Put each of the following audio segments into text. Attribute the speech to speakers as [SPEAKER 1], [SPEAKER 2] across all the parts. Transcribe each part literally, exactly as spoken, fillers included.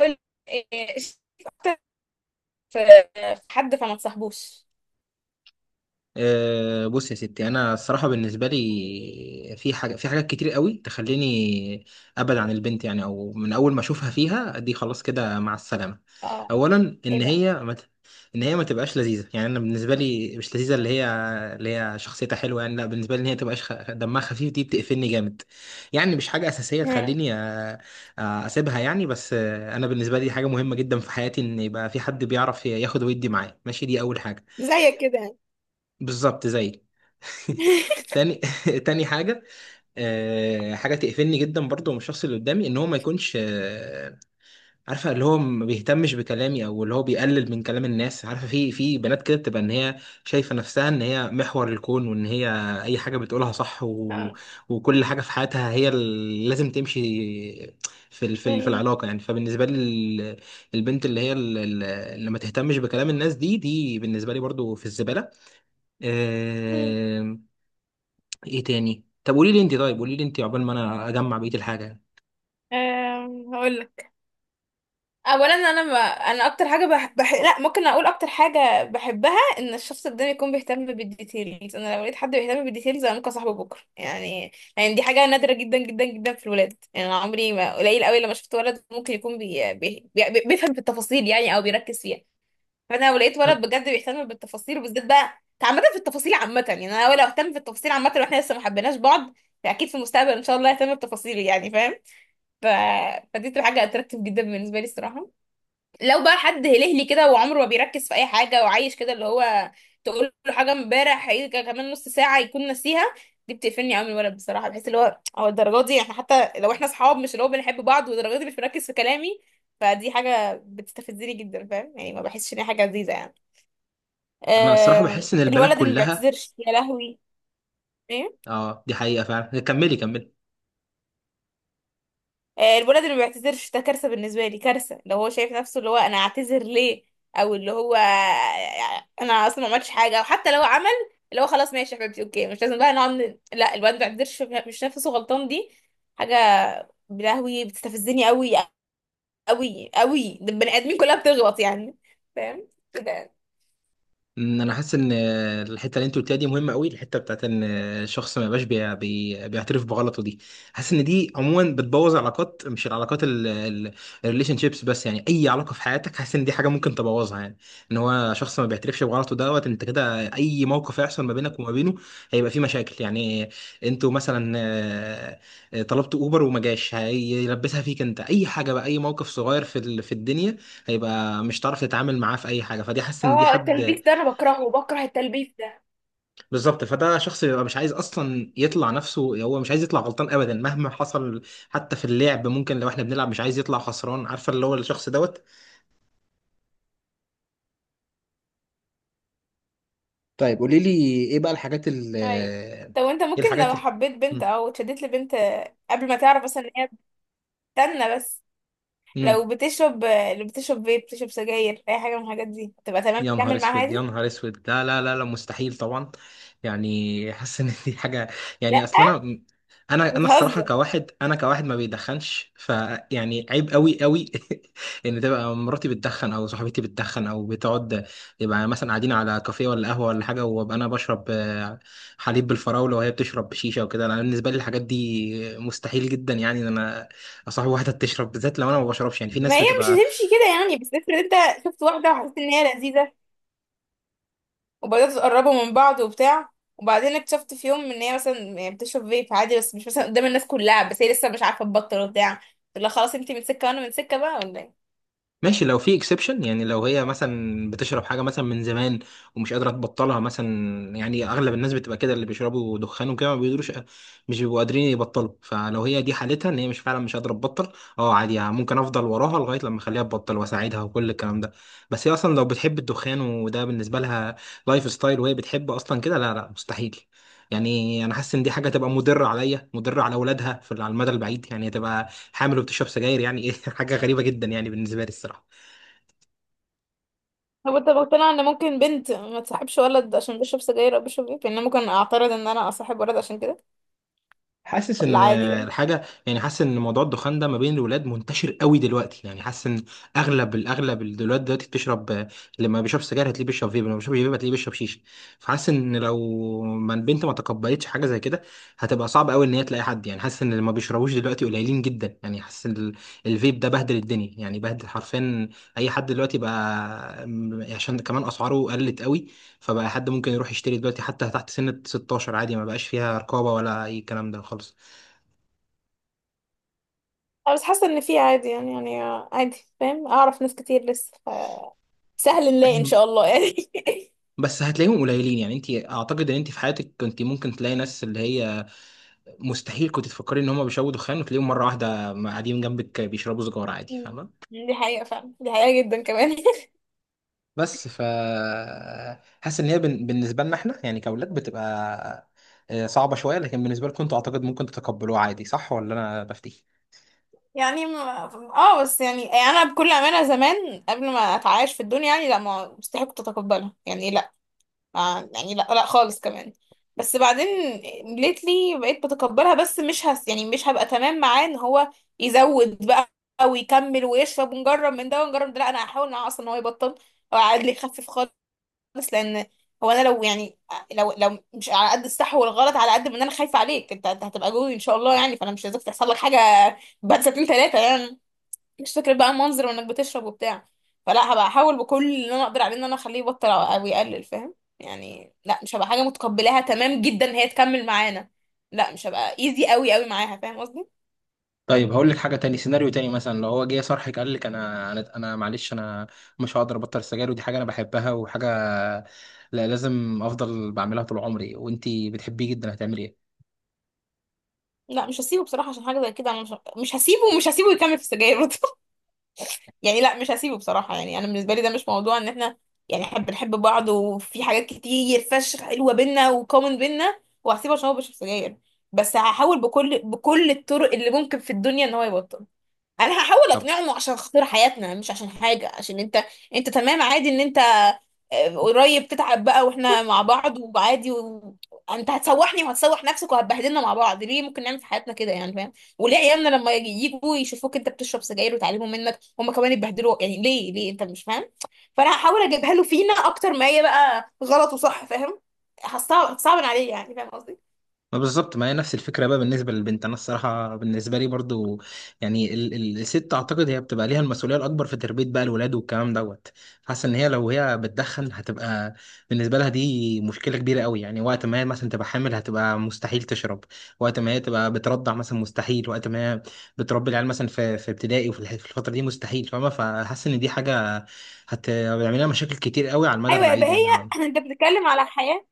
[SPEAKER 1] كل إيه، شايف أكتر في في حد فما تصاحبوش.
[SPEAKER 2] أه بص يا ستي انا الصراحه بالنسبه لي في حاجه في حاجات كتير قوي تخليني ابعد عن البنت يعني، او من اول ما اشوفها فيها دي خلاص كده مع السلامه.
[SPEAKER 1] اه.
[SPEAKER 2] اولا
[SPEAKER 1] ايه
[SPEAKER 2] ان
[SPEAKER 1] بقى؟
[SPEAKER 2] هي ما ت- ان هي ما تبقاش لذيذه، يعني انا بالنسبه لي مش لذيذه. اللي هي اللي هي شخصيتها حلوه، يعني لا بالنسبه لي ان هي تبقاش خ... دمها خفيف دي بتقفلني جامد. يعني مش حاجه اساسيه
[SPEAKER 1] مم.
[SPEAKER 2] تخليني أ... أ- اسيبها يعني. بس آه، انا بالنسبه لي حاجه مهمه جدا في حياتي، ان يبقى في حد بيعرف ياخد ويدي معايا، ماشي، دي اول حاجه.
[SPEAKER 1] زيك كده يعني.
[SPEAKER 2] بالظبط زيك. تاني تاني حاجة، آه، حاجة تقفلني جدا برضو من الشخص اللي قدامي، ان هو ما يكونش، آه، عارفة، اللي هو ما بيهتمش بكلامي، او اللي هو بيقلل من كلام الناس. عارفة، في في بنات كده بتبقى ان هي شايفة نفسها ان هي محور الكون، وان هي اي حاجة بتقولها صح و...
[SPEAKER 1] اه،
[SPEAKER 2] وكل حاجة في حياتها هي اللي لازم تمشي في ال... في ال... في
[SPEAKER 1] ايوه.
[SPEAKER 2] العلاقة يعني. فبالنسبة لي ال- البنت اللي هي ال- ال- اللي ما تهتمش بكلام الناس، دي دي بالنسبة لي برضو في الزبالة.
[SPEAKER 1] مم.
[SPEAKER 2] آه، ايه تاني؟ طب قولي لي انت، طيب قولي لي انت عقبال ما انا اجمع بقيه الحاجه يعني.
[SPEAKER 1] آم، هقول لك. اولا انا ما انا اكتر حاجه بح... بح... لا، ممكن اقول اكتر حاجه بحبها ان الشخص قدامي يكون بيهتم بالديتيلز. انا لو لقيت حد بيهتم بالديتيلز انا ممكن اصاحبه بكره يعني. يعني دي حاجه نادره جدا جدا جدا في الولاد يعني، انا عمري ما قليل قوي لما شفت ولد ممكن يكون بي... بي... بي... بيفهم في التفاصيل يعني، او بيركز فيها. فانا لو لقيت ولد بجد بيهتم بالتفاصيل، وبالذات بقى عامه في التفاصيل عامه يعني، انا لو اهتم في التفاصيل عامه واحنا لسه ما حبيناش بعض، فاكيد في المستقبل ان شاء الله اهتم بتفاصيلي يعني، فاهم؟ ف... فدي تبقى حاجه اتراكتيف جدا بالنسبه لي الصراحه. لو بقى حد هلهلي كده وعمره ما بيركز في اي حاجه وعايش كده اللي هو تقول له حاجه امبارح هيجي كمان نص ساعه يكون ناسيها، دي بتقفلني قوي من الولد بصراحه. بحس اللي هو هو الدرجات دي، احنا حتى لو احنا اصحاب، مش اللي هو بنحب بعض، والدرجات دي مش مركز في كلامي، فدي حاجه بتستفزني جدا فاهم؟ يعني ما بحسش ان هي حاجه لذيذه يعني.
[SPEAKER 2] انا الصراحه
[SPEAKER 1] آه،
[SPEAKER 2] بحس ان البنات
[SPEAKER 1] الولد اللي ما
[SPEAKER 2] كلها.
[SPEAKER 1] بيعتذرش يا لهوي. ايه.
[SPEAKER 2] اه، دي حقيقه فعلا، كملي كملي.
[SPEAKER 1] آه، الولد اللي ما بيعتذرش ده كارثه بالنسبه لي، كارثه. لو هو شايف نفسه اللي هو انا اعتذر ليه، او اللي هو انا اصلا ما عملتش حاجه، او حتى لو عمل اللي هو خلاص ماشي يا حبيبتي اوكي مش لازم بقى نقعد ن- لا، الولد ما بيعتذرش مش شايف نفسه غلطان، دي حاجه يا لهوي بتستفزني قوي قوي قوي. ده البني ادمين كلها بتغلط يعني، فاهم كده؟
[SPEAKER 2] أمم، انا حاسس ان الحته اللي انت قلتيها دي مهمه قوي، الحته بتاعت ان الشخص ما يبقاش بي- بي- بيعترف بغلطه دي. حاسس ان دي عموما بتبوظ علاقات، مش العلاقات الريليشن شيبس بس، يعني اي علاقه في حياتك حاسس ان دي حاجه ممكن تبوظها يعني. ان هو شخص ما بيعترفش بغلطه دوت انت كده، اي موقف هيحصل ما بينك وما بينه هيبقى فيه مشاكل يعني. انتوا مثلا آه، آه، طلبت اوبر وما جاش هيلبسها فيك انت، اي حاجه بقى، اي موقف صغير في ال- في الدنيا هيبقى، مش هتعرف تتعامل معاه في اي حاجه. فدي حاسس ان دي
[SPEAKER 1] اه،
[SPEAKER 2] حد.
[SPEAKER 1] التلبيس ده انا بكرهه، بكره التلبيس ده.
[SPEAKER 2] بالظبط، فده شخص بيبقى مش عايز اصلا يطلع نفسه، هو مش عايز يطلع غلطان ابدا مهما حصل. حتى في اللعب ممكن لو احنا بنلعب مش عايز يطلع خسران، عارفه اللي هو الشخص دوت. طيب قولي لي ايه بقى الحاجات اللي،
[SPEAKER 1] اي، طب وانت
[SPEAKER 2] ايه
[SPEAKER 1] ممكن
[SPEAKER 2] الحاجات
[SPEAKER 1] لو
[SPEAKER 2] اللي.
[SPEAKER 1] حبيت بنت
[SPEAKER 2] مم.
[SPEAKER 1] او اتشدت لبنت قبل ما تعرف مثلا ان هي بتستنى بس،
[SPEAKER 2] مم.
[SPEAKER 1] لو بتشرب لو بتشرب فيب، بتشرب سجاير، اي حاجه من الحاجات دي تبقى تمام
[SPEAKER 2] يا نهار
[SPEAKER 1] تكمل معاها
[SPEAKER 2] اسود، يا
[SPEAKER 1] عادي؟
[SPEAKER 2] نهار اسود، لا لا لا لا مستحيل طبعا. يعني حاسس ان دي حاجه،
[SPEAKER 1] لا،
[SPEAKER 2] يعني اصلا انا انا انا الصراحه
[SPEAKER 1] بتهزر.
[SPEAKER 2] كواحد، انا كواحد ما بيدخنش، فيعني عيب قوي قوي. ان تبقى مراتي بتدخن، او صاحبتي بتدخن، او بتقعد يبقى مثلا قاعدين على كافيه ولا قهوه ولا حاجه، وابقى انا بشرب آه، حليب بالفراوله وهي بتشرب بشيشه وكده. انا بالنسبه لي الحاجات دي مستحيل جدا، يعني ان انا اصاحب واحده بتشرب، بالذات لو انا ما بشربش. يعني في
[SPEAKER 1] ما
[SPEAKER 2] ناس
[SPEAKER 1] هي مش
[SPEAKER 2] بتبقى،
[SPEAKER 1] هتمشي كده يعني، بس افرض انت شفت واحده وحسيت ان هي لذيذه، وبدات تقربوا من بعض وبتاع، وبعدين اكتشفت في يوم ان هي مثلا يعني بتشرب فيب عادي بس مش مثلا قدام الناس كلها، بس هي لسه مش عارفه تبطل وبتاع، تقول لها خلاص انت من سكه وانا من سكه بقى ولا إيه؟
[SPEAKER 2] ماشي لو في اكسبشن، يعني لو هي مثلا بتشرب حاجه مثلا من زمان ومش قادره تبطلها مثلا. يعني اغلب الناس بتبقى كده، اللي بيشربوا دخان وكده ما بيقدروش، مش بيبقوا قادرين يبطلوا. فلو هي دي حالتها ان هي مش، فعلا مش قادره تبطل، اه عادي يعني ممكن افضل وراها لغايه لما اخليها تبطل واساعدها وكل الكلام ده. بس هي اصلا لو بتحب الدخان وده بالنسبه لها لايف ستايل وهي بتحب اصلا كده، لا لا مستحيل. يعني انا حاسس ان دي حاجه تبقى مضره عليا، مضره على اولادها، في على المدى البعيد يعني تبقى حامل وبتشرب سجاير يعني ايه؟ حاجه غريبه جدا يعني بالنسبه لي الصراحه.
[SPEAKER 1] هو انت مقتنع ان ممكن بنت ما تصاحبش ولد عشان بيشرب سجاير او بيشرب فيب؟ يعني انا ممكن اعترض ان انا اصاحب ولد عشان كده
[SPEAKER 2] حاسس
[SPEAKER 1] ولا
[SPEAKER 2] ان
[SPEAKER 1] عادي بقى؟
[SPEAKER 2] الحاجه، يعني حاسس ان موضوع الدخان ده ما بين الولاد منتشر قوي دلوقتي، يعني حاسس ان اغلب الاغلب الولاد دلوقتي بتشرب، لما بيشرب سجاير هتلاقيه بيشرب فيب، لما بيشرب فيب هتلاقيه بيشرب شيشه. فحاسس ان لو ما البنت ما تقبلتش حاجه زي كده هتبقى صعب قوي ان هي تلاقي حد، يعني حاسس ان اللي ما بيشربوش دلوقتي قليلين جدا. يعني حاسس ال- الفيب ده بهدل الدنيا، يعني بهدل حرفيا اي حد دلوقتي بقى، عشان كمان اسعاره قلت قوي. فبقى حد ممكن يروح يشتري دلوقتي حتى تحت سن ستاشر عادي، ما بقاش فيها رقابة ولا أي كلام ده خالص.
[SPEAKER 1] أنا بس حاسه ان في عادي يعني يعني عادي فاهم، اعرف ناس كتير لسه ف- سهل نلاقي ان شاء الله يعني.
[SPEAKER 2] بس هتلاقيهم قليلين يعني. انت اعتقد ان انت في حياتك كنت ممكن تلاقي ناس اللي هي مستحيل كنت تفكري ان هم بيشربوا دخان، وتلاقيهم مرة واحدة قاعدين جنبك بيشربوا سجارة عادي، فاهمة.
[SPEAKER 1] دي حقيقه فعلا، دي حقيقه جدا كمان.
[SPEAKER 2] بس ف حاسس ان هي بن- بالنسبة لنا احنا يعني كأولاد بتبقى آه، صعبة شوية، لكن بالنسبة لكم انتوا اعتقد ممكن تتقبلوها عادي، صح ولا انا بفتي؟
[SPEAKER 1] يعني ما... اه بس يعني انا بكل امانه زمان قبل ما اتعايش في الدنيا يعني لا، ما مستحيل كنت اتقبلها يعني لا. آه يعني لا لا خالص كمان. بس بعدين ليتلي بقيت بتقبلها، بس مش هس يعني مش هبقى تمام معاه ان هو يزود بقى ويكمل ويشرب ونجرب من ده ونجرب من ده. لا، انا هحاول معاه اصلا ان هو يبطل او عادي يخفف خالص. لان هو انا لو يعني لو لو مش على قد الصح والغلط، على قد ما انا خايفه عليك انت. أنت هتبقى جوي ان شاء الله يعني، فانا مش عايزاك تحصل لك حاجه بعد سنتين ثلاثه يعني. مش فكرة بقى المنظر وانك بتشرب وبتاع، فلا، هبقى احاول بكل اللي انا اقدر عليه ان انا اخليه يبطل او أو يقلل فاهم؟ يعني لا مش هبقى حاجة متقبلاها تمام جدا إن هي تكمل معانا، لا مش هبقى ايزي قوي قوي معاها، فاهم قصدي؟
[SPEAKER 2] طيب هقول لك حاجه تاني، سيناريو تاني مثلا لو هو جه صرحك قال لك انا انا انا معلش انا مش هقدر ابطل السجاير، ودي حاجه انا بحبها وحاجه لا لازم افضل بعملها طول عمري، وانتي بتحبيه جدا، هتعملي ايه؟
[SPEAKER 1] لا مش هسيبه بصراحة، عشان حاجة زي كده انا مش مش هسيبه، ومش هسيبه يكمل في السجاير برضه. يعني لا مش هسيبه بصراحة، يعني انا بالنسبة لي ده مش موضوع. ان احنا يعني احنا بنحب بعض وفي حاجات كتير فشخ حلوة بينا وكومن بينا وهسيبه عشان هو بيشرب سجاير؟ بس هحاول بكل بكل الطرق اللي ممكن في الدنيا ان هو يبطل. انا هحاول اقنعهم عشان خاطر حياتنا، مش عشان حاجه، عشان انت. انت تمام عادي ان انت آه، قريب تتعب بقى واحنا مع بعض وعادي و... انت هتسوحني وهتسوح نفسك وهتبهدلنا مع بعض ليه؟ ممكن نعمل في حياتنا كده يعني، فاهم؟ وليه عيالنا لما يجي- يجوا يشوفوك انت بتشرب سجاير وتعلموا منك هم كمان يتبهدلوا يعني، ليه ليه انت مش فاهم؟ فانا هحاول اجيبها له فينا اكتر، ما هي بقى غلط وصح فاهم؟ هتصعب هتصعب عليه يعني، فاهم قصدي؟
[SPEAKER 2] ما بالظبط، ما هي نفس الفكره بقى بالنسبه للبنت. انا الصراحه بالنسبه لي برضو يعني ال ال الست اعتقد هي بتبقى ليها المسؤوليه الاكبر في تربيه بقى الولاد والكلام دوت. حاسه ان هي لو هي بتدخن هتبقى بالنسبه لها دي مشكله كبيره قوي، يعني وقت ما هي مثلا تبقى حامل هتبقى مستحيل تشرب، وقت ما هي تبقى بترضع مثلا مستحيل، وقت ما هي بتربي العيال مثلا في في ابتدائي وفي الح- في الفتره دي مستحيل، فاهمه؟ فحاسس ان دي حاجه هت- هتعمل لها مشاكل كتير قوي على المدى
[SPEAKER 1] ايوه،
[SPEAKER 2] البعيد
[SPEAKER 1] يبقى هي
[SPEAKER 2] يعني.
[SPEAKER 1] انت بتتكلم على حياه.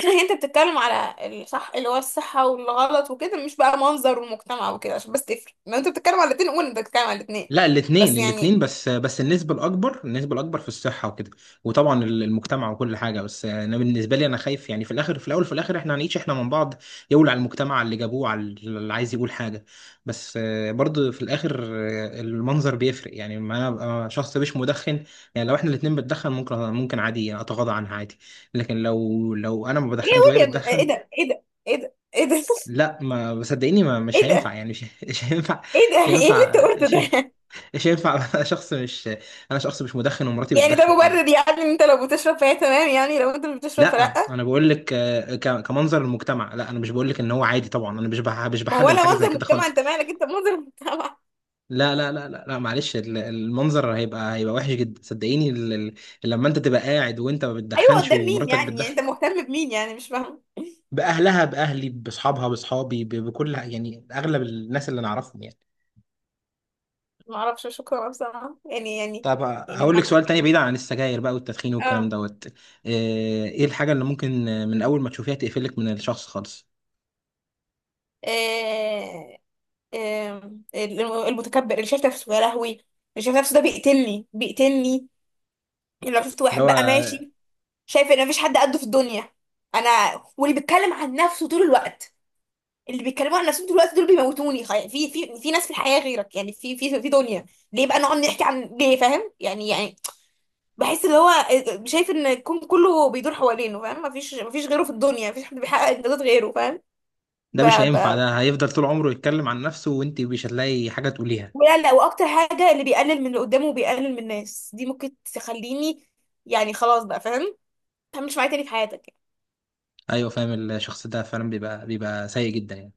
[SPEAKER 1] انت بتتكلم على الصح اللي هو الصحة والغلط وكده، مش بقى منظر المجتمع وكده، عشان بس تفرق، لو انت بتتكلم على الاتنين قول انت بتتكلم على الاتنين
[SPEAKER 2] لا
[SPEAKER 1] بس
[SPEAKER 2] الاثنين،
[SPEAKER 1] يعني.
[SPEAKER 2] الاثنين بس، بس النسبة الأكبر، النسبة الأكبر في الصحة وكده، وطبعا ال- المجتمع وكل حاجة. بس أنا بالنسبة لي أنا خايف، يعني في الآخر، في الأول في الآخر إحنا هنعيش إحنا من بعض. يقول على المجتمع، على اللي جابوه، على اللي عايز يقول حاجة. بس آه، برضه في الآخر آه، المنظر بيفرق، يعني ما أنا أبقى شخص مش مدخن. يعني لو إحنا الاتنين بنتدخن ممكن، ممكن عادي أتغاضى عنها عادي، لكن لو لو أنا ما
[SPEAKER 1] ايه،
[SPEAKER 2] بدخنش وهي
[SPEAKER 1] قول يا ابني، ايه
[SPEAKER 2] بتدخن،
[SPEAKER 1] ده، ايه ده، ايه ده، ايه ده.
[SPEAKER 2] لا ما صدقيني ما مش
[SPEAKER 1] ايه
[SPEAKER 2] هينفع
[SPEAKER 1] ده،
[SPEAKER 2] يعني، مش مش هينفع.
[SPEAKER 1] ايه ده،
[SPEAKER 2] مش
[SPEAKER 1] ايه اللي انت
[SPEAKER 2] هينفع
[SPEAKER 1] قلته
[SPEAKER 2] مش
[SPEAKER 1] ده؟
[SPEAKER 2] مش هينفع. انا شخص مش انا شخص مش مدخن ومراتي
[SPEAKER 1] يعني ده
[SPEAKER 2] بتدخن
[SPEAKER 1] مبرر
[SPEAKER 2] يعني.
[SPEAKER 1] يعني، ان انت لو بتشرب فهي تمام، يعني لو انت مش بتشرب فلا؟
[SPEAKER 2] لا انا بقول لك، آه، ك- كمنظر المجتمع، لا انا مش بقول لك ان هو عادي طبعا، انا مش بح- مش
[SPEAKER 1] ما هو
[SPEAKER 2] بحلل
[SPEAKER 1] ولا
[SPEAKER 2] حاجه زي
[SPEAKER 1] منظر
[SPEAKER 2] كده
[SPEAKER 1] مجتمع،
[SPEAKER 2] خالص.
[SPEAKER 1] انت مالك انت منظر المجتمع.
[SPEAKER 2] لا لا لا لا، لا معلش ال- المنظر هيبقى، هيبقى وحش جدا صدقيني. ال- ال- لما انت تبقى قاعد وانت ما
[SPEAKER 1] ايوه
[SPEAKER 2] بتدخنش
[SPEAKER 1] قدام مين
[SPEAKER 2] ومراتك
[SPEAKER 1] يعني؟ يعني
[SPEAKER 2] بتدخن.
[SPEAKER 1] انت مهتم بمين يعني؟ مش فاهم.
[SPEAKER 2] باهلها، باهلي، باصحابها، باصحابي، ب- بكل يعني اغلب الناس اللي نعرفهم يعني.
[SPEAKER 1] ما اعرفش شكرا بصراحة يعني يعني،
[SPEAKER 2] طب
[SPEAKER 1] يعني ما
[SPEAKER 2] هقول لك
[SPEAKER 1] اعرف.
[SPEAKER 2] سؤال تاني بعيد عن السجاير بقى والتدخين والكلام
[SPEAKER 1] اه.
[SPEAKER 2] دوت. آه، ايه الحاجة اللي ممكن من اول ما تشوفيها تقفلك من الشخص خالص؟
[SPEAKER 1] آه. آم، المتكبر اللي شايف نفسه يا لهوي، اللي شايف نفسه ده بيقتلني بيقتلني. يعني لو شفت
[SPEAKER 2] اللي
[SPEAKER 1] واحد
[SPEAKER 2] هو
[SPEAKER 1] بقى ماشي شايف ان مفيش حد قده في الدنيا، انا، واللي بيتكلم عن نفسه طول الوقت، اللي بيتكلموا عن نفسهم طول الوقت دول بيموتوني. خي- في في في ناس في الحياة غيرك يعني، في في في دنيا، ليه بقى نقعد نحكي عن ليه؟ فاهم يعني، يعني بحس اللي هو آه، آه، شايف ان الكون كله بيدور حوالينه فاهم، مفيش مفيش غيره في الدنيا، مفيش حد بيحقق انجازات غيره فاهم؟
[SPEAKER 2] ده مش هينفع، ده هيفضل طول عمره يتكلم عن نفسه وانت مش هتلاقي حاجة تقوليها.
[SPEAKER 1] ولا لا، واكتر حاجه اللي بيقلل من اللي قدامه وبيقلل من الناس دي ممكن تخليني يعني خلاص بقى فاهم، ما تعملش معايا تاني في حياتك يعني.
[SPEAKER 2] ايوه فاهم، الشخص ده فعلا بيبقى، بيبقى سيء جدا يعني.